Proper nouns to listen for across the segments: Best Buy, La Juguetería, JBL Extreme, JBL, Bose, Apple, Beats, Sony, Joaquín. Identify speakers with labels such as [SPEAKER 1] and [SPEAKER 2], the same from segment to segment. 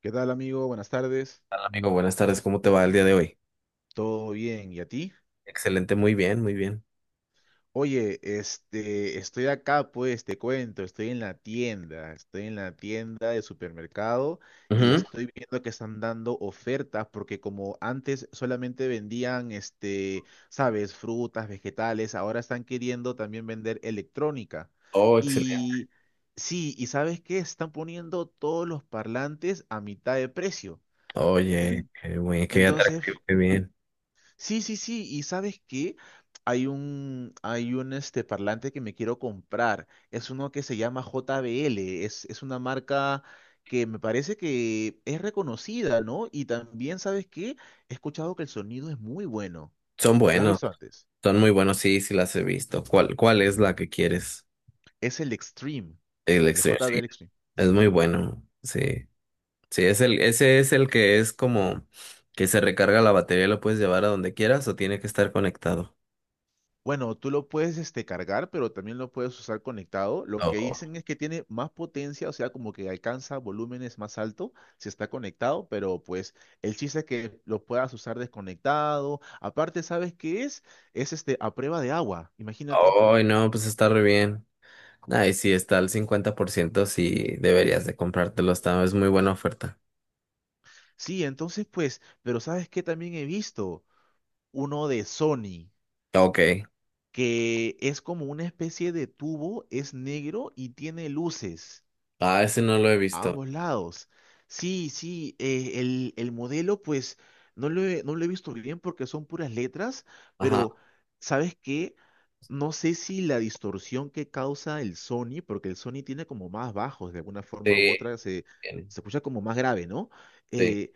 [SPEAKER 1] ¿Qué tal, amigo? Buenas tardes.
[SPEAKER 2] Hola, amigo, buenas tardes. ¿Cómo te va el día de hoy?
[SPEAKER 1] ¿Todo bien? ¿Y a ti?
[SPEAKER 2] Excelente, muy bien, muy bien.
[SPEAKER 1] Oye, este, estoy acá, pues, te cuento, estoy en la tienda, de supermercado y
[SPEAKER 2] Ujú.
[SPEAKER 1] estoy viendo que están dando ofertas porque como antes solamente vendían, este, sabes, frutas, vegetales, ahora están queriendo también vender electrónica.
[SPEAKER 2] Oh, excelente.
[SPEAKER 1] Y sí, ¿y sabes qué? Están poniendo todos los parlantes a mitad de precio.
[SPEAKER 2] Oye,
[SPEAKER 1] En-
[SPEAKER 2] qué
[SPEAKER 1] Entonces,
[SPEAKER 2] atractivo, qué bien.
[SPEAKER 1] sí, sí, sí, y ¿sabes qué? Hay un este parlante que me quiero comprar. Es uno que se llama JBL. Es una marca que me parece que es reconocida, ¿no? Y también, ¿sabes qué? He escuchado que el sonido es muy bueno.
[SPEAKER 2] Son
[SPEAKER 1] ¿La has
[SPEAKER 2] buenos,
[SPEAKER 1] visto antes?
[SPEAKER 2] son muy buenos, sí, sí las he visto. ¿Cuál es la que quieres?
[SPEAKER 1] Es el Extreme,
[SPEAKER 2] El
[SPEAKER 1] el
[SPEAKER 2] extreme, sí.
[SPEAKER 1] JBL Extreme.
[SPEAKER 2] Es
[SPEAKER 1] Sí.
[SPEAKER 2] muy bueno, sí. Sí, ese es el que es como que se recarga la batería y lo puedes llevar a donde quieras o tiene que estar conectado.
[SPEAKER 1] Bueno, tú lo puedes este, cargar, pero también lo puedes usar conectado. Lo que
[SPEAKER 2] Oh,
[SPEAKER 1] dicen es que tiene más potencia, o sea, como que alcanza volúmenes más altos si está conectado, pero pues el chiste es que lo puedas usar desconectado. Aparte, ¿sabes qué es? Es este a prueba de agua, imagínate.
[SPEAKER 2] oh, no, pues está re bien. Ay, sí, está al 50%, sí, deberías de comprártelo, está, es muy buena oferta.
[SPEAKER 1] Sí, entonces pues, pero ¿sabes qué también he visto? Uno de Sony,
[SPEAKER 2] Ok.
[SPEAKER 1] que es como una especie de tubo, es negro y tiene luces.
[SPEAKER 2] Ah, ese no lo he
[SPEAKER 1] A
[SPEAKER 2] visto.
[SPEAKER 1] ambos lados. Sí, sí, el modelo pues no lo he visto bien porque son puras letras,
[SPEAKER 2] Ajá.
[SPEAKER 1] pero ¿sabes qué? No sé si la distorsión que causa el Sony, porque el Sony tiene como más bajos de alguna forma u
[SPEAKER 2] Sí,
[SPEAKER 1] otra,
[SPEAKER 2] bien,
[SPEAKER 1] se escucha como más grave, ¿no?
[SPEAKER 2] sí.
[SPEAKER 1] Eh,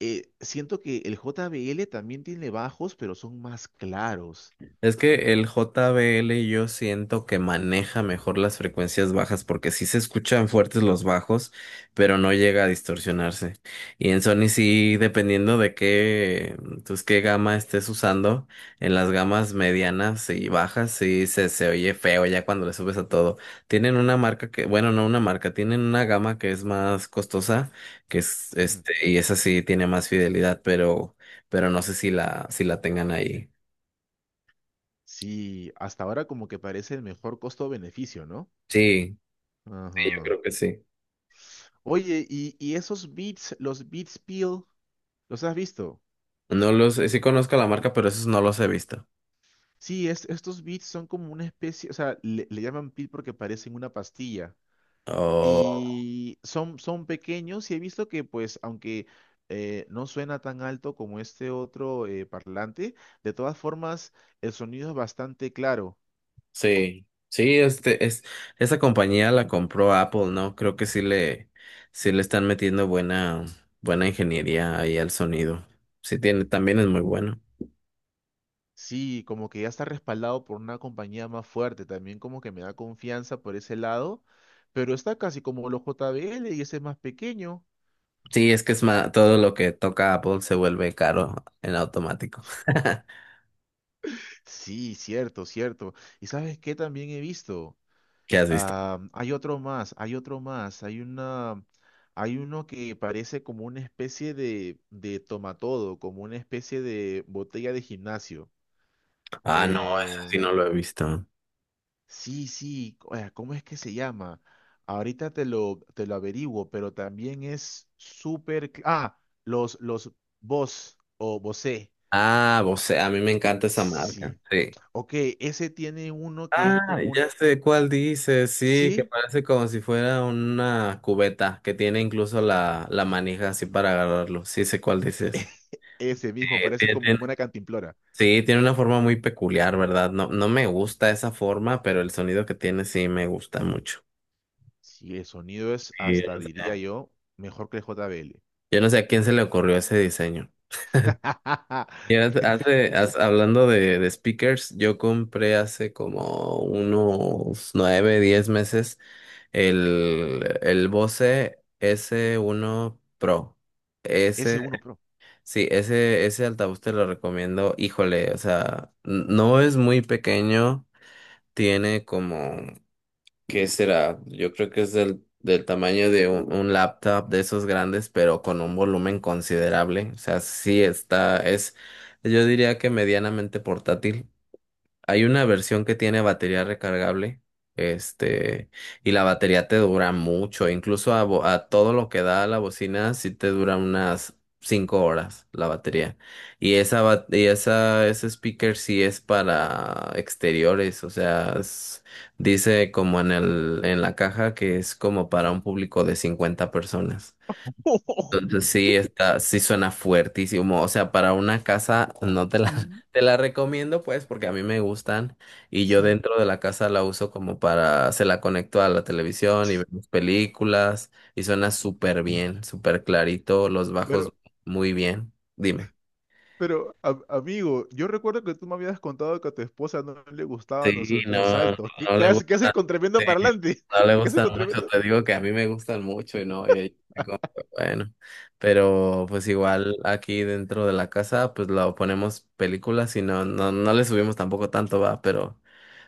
[SPEAKER 1] siento que el JBL también tiene bajos, pero son más claros.
[SPEAKER 2] Es que el JBL yo siento que maneja mejor las frecuencias bajas porque sí se escuchan fuertes los bajos, pero no llega a distorsionarse. Y en Sony sí, dependiendo de qué, pues qué gama estés usando, en las gamas medianas y bajas sí se oye feo ya cuando le subes a todo. Tienen una marca que, bueno, no una marca, tienen una gama que es más costosa, que es
[SPEAKER 1] Ujú.
[SPEAKER 2] este, y esa sí tiene más fidelidad, pero no sé si la tengan ahí.
[SPEAKER 1] Sí, hasta ahora como que parece el mejor costo-beneficio, ¿no?
[SPEAKER 2] Sí, sí, yo
[SPEAKER 1] Ajá.
[SPEAKER 2] creo que sí.
[SPEAKER 1] Oye, y esos beats, los beats peel, ¿los has visto?
[SPEAKER 2] No los, sí conozco la marca, pero esos no los he visto.
[SPEAKER 1] Sí, estos beats son como una especie, o sea, le llaman peel porque parecen una pastilla.
[SPEAKER 2] Oh,
[SPEAKER 1] Y son, son pequeños y he visto que, pues, aunque no suena tan alto como este otro parlante, de todas formas, el sonido es bastante claro.
[SPEAKER 2] sí. Sí, esa compañía la compró Apple, ¿no? Creo que sí le están metiendo buena ingeniería ahí al sonido. Sí tiene, también es muy bueno.
[SPEAKER 1] Sí, como que ya está respaldado por una compañía más fuerte, también como que me da confianza por ese lado, pero está casi como los JBL y ese es más pequeño.
[SPEAKER 2] Sí, es que todo lo que toca Apple se vuelve caro en automático.
[SPEAKER 1] Sí, cierto, cierto. ¿Y sabes qué también he visto?
[SPEAKER 2] ¿Qué has visto?
[SPEAKER 1] Ah, hay otro más, hay una, hay uno que parece como una especie de tomatodo, como una especie de botella de gimnasio.
[SPEAKER 2] Ah, no, eso sí no
[SPEAKER 1] Em,
[SPEAKER 2] lo he visto.
[SPEAKER 1] sí, sí, ¿cómo es que se llama? Ahorita te lo averiguo, pero también es súper... Ah, los Bose o Bose.
[SPEAKER 2] Ah, Bose, a mí me encanta esa marca.
[SPEAKER 1] Sí.
[SPEAKER 2] Sí.
[SPEAKER 1] Ok, ese tiene uno que es
[SPEAKER 2] Ah,
[SPEAKER 1] como un...
[SPEAKER 2] ya sé cuál dice, sí, que
[SPEAKER 1] Sí.
[SPEAKER 2] parece como si fuera una cubeta, que tiene incluso la manija así para agarrarlo. Sí, sé cuál dices.
[SPEAKER 1] Ese mismo,
[SPEAKER 2] Eh,
[SPEAKER 1] parece
[SPEAKER 2] tiene-
[SPEAKER 1] como,
[SPEAKER 2] tiene-
[SPEAKER 1] como una cantimplora.
[SPEAKER 2] sí, tiene una forma muy peculiar, ¿verdad? No, no me gusta esa forma, pero el sonido que tiene sí me gusta mucho.
[SPEAKER 1] Si el sonido es
[SPEAKER 2] Sí,
[SPEAKER 1] hasta, diría yo, mejor que el JBL.
[SPEAKER 2] yo no sé a quién se le ocurrió ese diseño. Y hablando de speakers, yo compré hace como unos 9, 10 meses el Bose s uno Pro.
[SPEAKER 1] S
[SPEAKER 2] Ese,
[SPEAKER 1] uno Pro.
[SPEAKER 2] sí, ese altavoz te lo recomiendo. Híjole, o sea, no es muy pequeño, tiene como ¿qué será? Yo creo que es del tamaño de un laptop de esos grandes, pero con un volumen considerable. O sea, sí está, es, yo diría que medianamente portátil. Hay una versión que tiene batería recargable, este, y la batería te dura mucho, incluso a todo lo que da la bocina, sí te dura unas 5 horas la batería. Y esa, ba- y esa, ese speaker sí es para exteriores, o sea, dice como en en la caja que es como para un público de 50 personas. Entonces, sí, está, sí suena fuertísimo. O sea, para una casa no te la,
[SPEAKER 1] Sí,
[SPEAKER 2] te la recomiendo, pues, porque a mí me gustan, y yo
[SPEAKER 1] sí.
[SPEAKER 2] dentro de la casa la uso como para, se la conecto a la televisión y vemos películas y suena súper bien, súper clarito, los
[SPEAKER 1] Pero,
[SPEAKER 2] bajos muy bien. Dime.
[SPEAKER 1] pero, amigo, yo recuerdo que tú me habías contado que a tu esposa no le gustaban los
[SPEAKER 2] Sí, no,
[SPEAKER 1] sonidos altos.
[SPEAKER 2] no le
[SPEAKER 1] ¿Qué hace
[SPEAKER 2] gustan,
[SPEAKER 1] con
[SPEAKER 2] sí,
[SPEAKER 1] tremendo parlante?
[SPEAKER 2] no le
[SPEAKER 1] ¿Qué hace
[SPEAKER 2] gustan
[SPEAKER 1] con
[SPEAKER 2] mucho,
[SPEAKER 1] tremendo?
[SPEAKER 2] te digo que a mí me gustan mucho y no, y ahí estoy como que, bueno, pero pues igual aquí dentro de la casa pues lo ponemos películas y no le subimos tampoco tanto, va,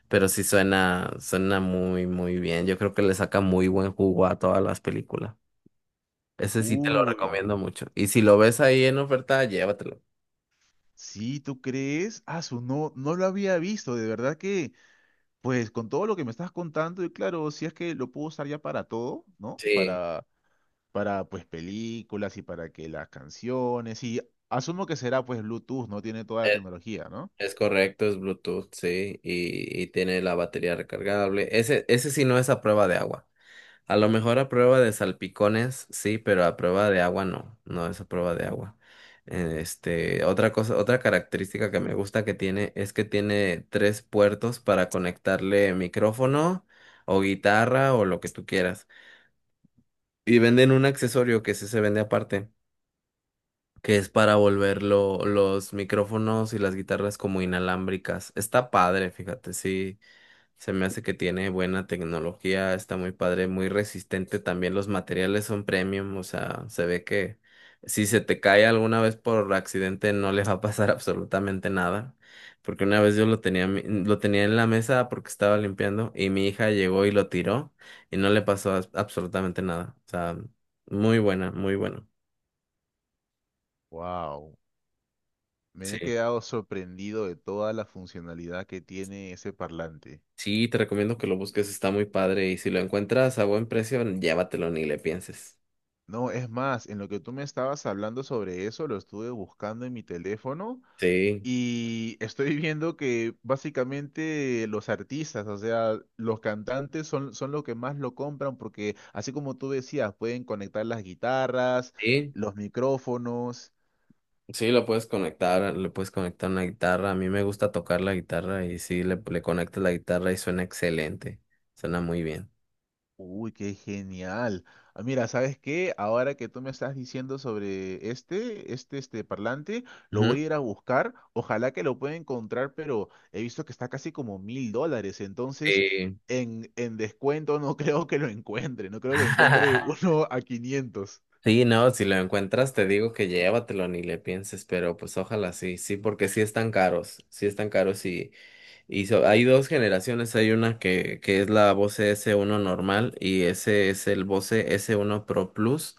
[SPEAKER 2] pero sí suena, suena muy, muy bien, yo creo que le saca muy buen jugo a todas las películas, ese sí te lo
[SPEAKER 1] Uy,
[SPEAKER 2] recomiendo mucho, y si lo ves ahí en oferta, llévatelo.
[SPEAKER 1] sí, ¿tú crees? No, no lo había visto. De verdad que, pues, con todo lo que me estás contando, y claro, si es que lo puedo usar ya para todo, ¿no?
[SPEAKER 2] Sí,
[SPEAKER 1] Para pues películas y para que las canciones y asumo que será pues Bluetooth, no tiene toda la tecnología, ¿no?
[SPEAKER 2] es correcto, es Bluetooth, sí, y tiene la batería recargable. Ese sí no es a prueba de agua. A lo mejor a prueba de salpicones, sí, pero a prueba de agua no, no es a prueba de agua. Otra cosa, otra característica que me gusta que tiene es que tiene 3 puertos para conectarle micrófono o guitarra o lo que tú quieras. Y venden un accesorio que sí se vende aparte que es para volver los micrófonos y las guitarras como inalámbricas. Está padre, fíjate, sí, se me hace que tiene buena tecnología, está muy padre, muy resistente también, los materiales son premium, o sea, se ve que si se te cae alguna vez por accidente no le va a pasar absolutamente nada. Porque una vez yo lo tenía, lo tenía en la mesa porque estaba limpiando y mi hija llegó y lo tiró y no le pasó absolutamente nada. O sea, muy buena, muy buena.
[SPEAKER 1] Wow, me he
[SPEAKER 2] Sí.
[SPEAKER 1] quedado sorprendido de toda la funcionalidad que tiene ese parlante.
[SPEAKER 2] Sí, te recomiendo que lo busques, está muy padre y si lo encuentras a buen precio, llévatelo, ni le pienses.
[SPEAKER 1] No, es más, en lo que tú me estabas hablando sobre eso, lo estuve buscando en mi teléfono
[SPEAKER 2] Sí,
[SPEAKER 1] y estoy viendo que básicamente los artistas, o sea, los cantantes son los que más lo compran porque así como tú decías, pueden conectar las guitarras,
[SPEAKER 2] sí,
[SPEAKER 1] los micrófonos.
[SPEAKER 2] sí, lo puedes conectar, le puedes conectar una guitarra. A mí me gusta tocar la guitarra y sí, le conectas la guitarra y suena excelente, suena muy bien.
[SPEAKER 1] Uy, qué genial. Ah, mira, ¿sabes qué? Ahora que tú me estás diciendo sobre este, este parlante, lo
[SPEAKER 2] Ujú,
[SPEAKER 1] voy a ir a buscar. Ojalá que lo pueda encontrar, pero he visto que está casi como $1000. Entonces,
[SPEAKER 2] sí.
[SPEAKER 1] en descuento no creo que lo encuentre. No creo que encuentre uno a 500.
[SPEAKER 2] Sí, no, si lo encuentras te digo que llévatelo, ni le pienses, pero pues ojalá sí, sí, porque sí están caros, sí están caros, y hay dos generaciones, hay una que es la Bose s uno normal y ese es el Bose s uno Pro Plus.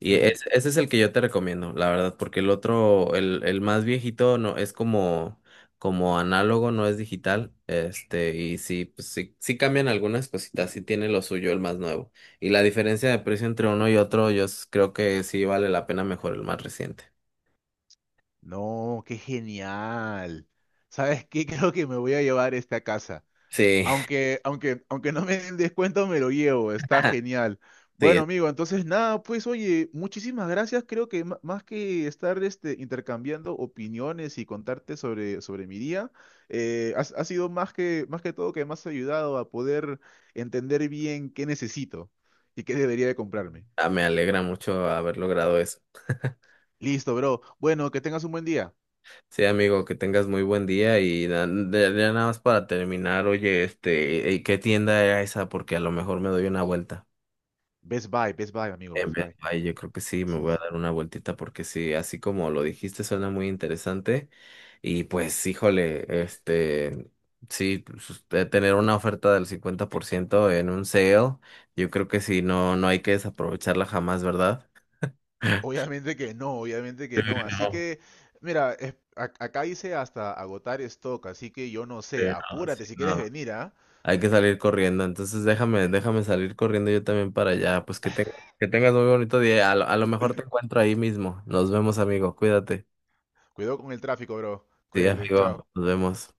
[SPEAKER 2] Y
[SPEAKER 1] Ujú.
[SPEAKER 2] ese es el que yo te recomiendo, la verdad, porque el otro, el más viejito, no, es como, como análogo, no es digital. Este, y sí, pues sí, sí cambian algunas cositas, sí tiene lo suyo el más nuevo. Y la diferencia de precio entre uno y otro, yo creo que sí vale la pena mejor el más reciente.
[SPEAKER 1] No, qué genial. ¿Sabes qué? Creo que me voy a llevar este a casa.
[SPEAKER 2] Sí,
[SPEAKER 1] Aunque no me den descuento, me lo llevo, está genial. Bueno,
[SPEAKER 2] sí,
[SPEAKER 1] amigo, entonces nada, pues oye, muchísimas gracias. Creo que más que estar este, intercambiando opiniones y contarte sobre, sobre mi día, sido más que todo que me has ayudado a poder entender bien qué necesito y qué debería de comprarme.
[SPEAKER 2] ah, me alegra mucho haber logrado eso.
[SPEAKER 1] Listo, bro. Bueno, que tengas un buen día.
[SPEAKER 2] Sí, amigo, que tengas muy buen día y ya nada más para terminar, oye, este, ¿qué tienda era esa? Porque a lo mejor me doy una vuelta.
[SPEAKER 1] Best Buy, Best Buy amigo, best buy
[SPEAKER 2] Ay, yo creo que sí, me
[SPEAKER 1] Sí, sí.
[SPEAKER 2] voy a
[SPEAKER 1] Sí.
[SPEAKER 2] dar una vueltita porque sí, así como lo dijiste, suena muy interesante. Y pues, híjole, este, sí, pues, usted tener una oferta del 50% en un sale, yo creo que sí, no, no hay que desaprovecharla jamás, ¿verdad?
[SPEAKER 1] Obviamente que no, obviamente que no. Así
[SPEAKER 2] No,
[SPEAKER 1] que, mira, acá dice hasta agotar stock, así que yo no
[SPEAKER 2] sí,
[SPEAKER 1] sé,
[SPEAKER 2] no, sí,
[SPEAKER 1] apúrate si quieres
[SPEAKER 2] no.
[SPEAKER 1] venir, ¿ah?
[SPEAKER 2] Hay que salir corriendo, entonces déjame, déjame salir corriendo yo también para allá. Que tengas muy bonito día. A lo mejor te encuentro ahí mismo. Nos vemos, amigo. Cuídate.
[SPEAKER 1] Cuidado con el tráfico, bro.
[SPEAKER 2] Sí,
[SPEAKER 1] Cuídate, chao.
[SPEAKER 2] amigo. Nos vemos.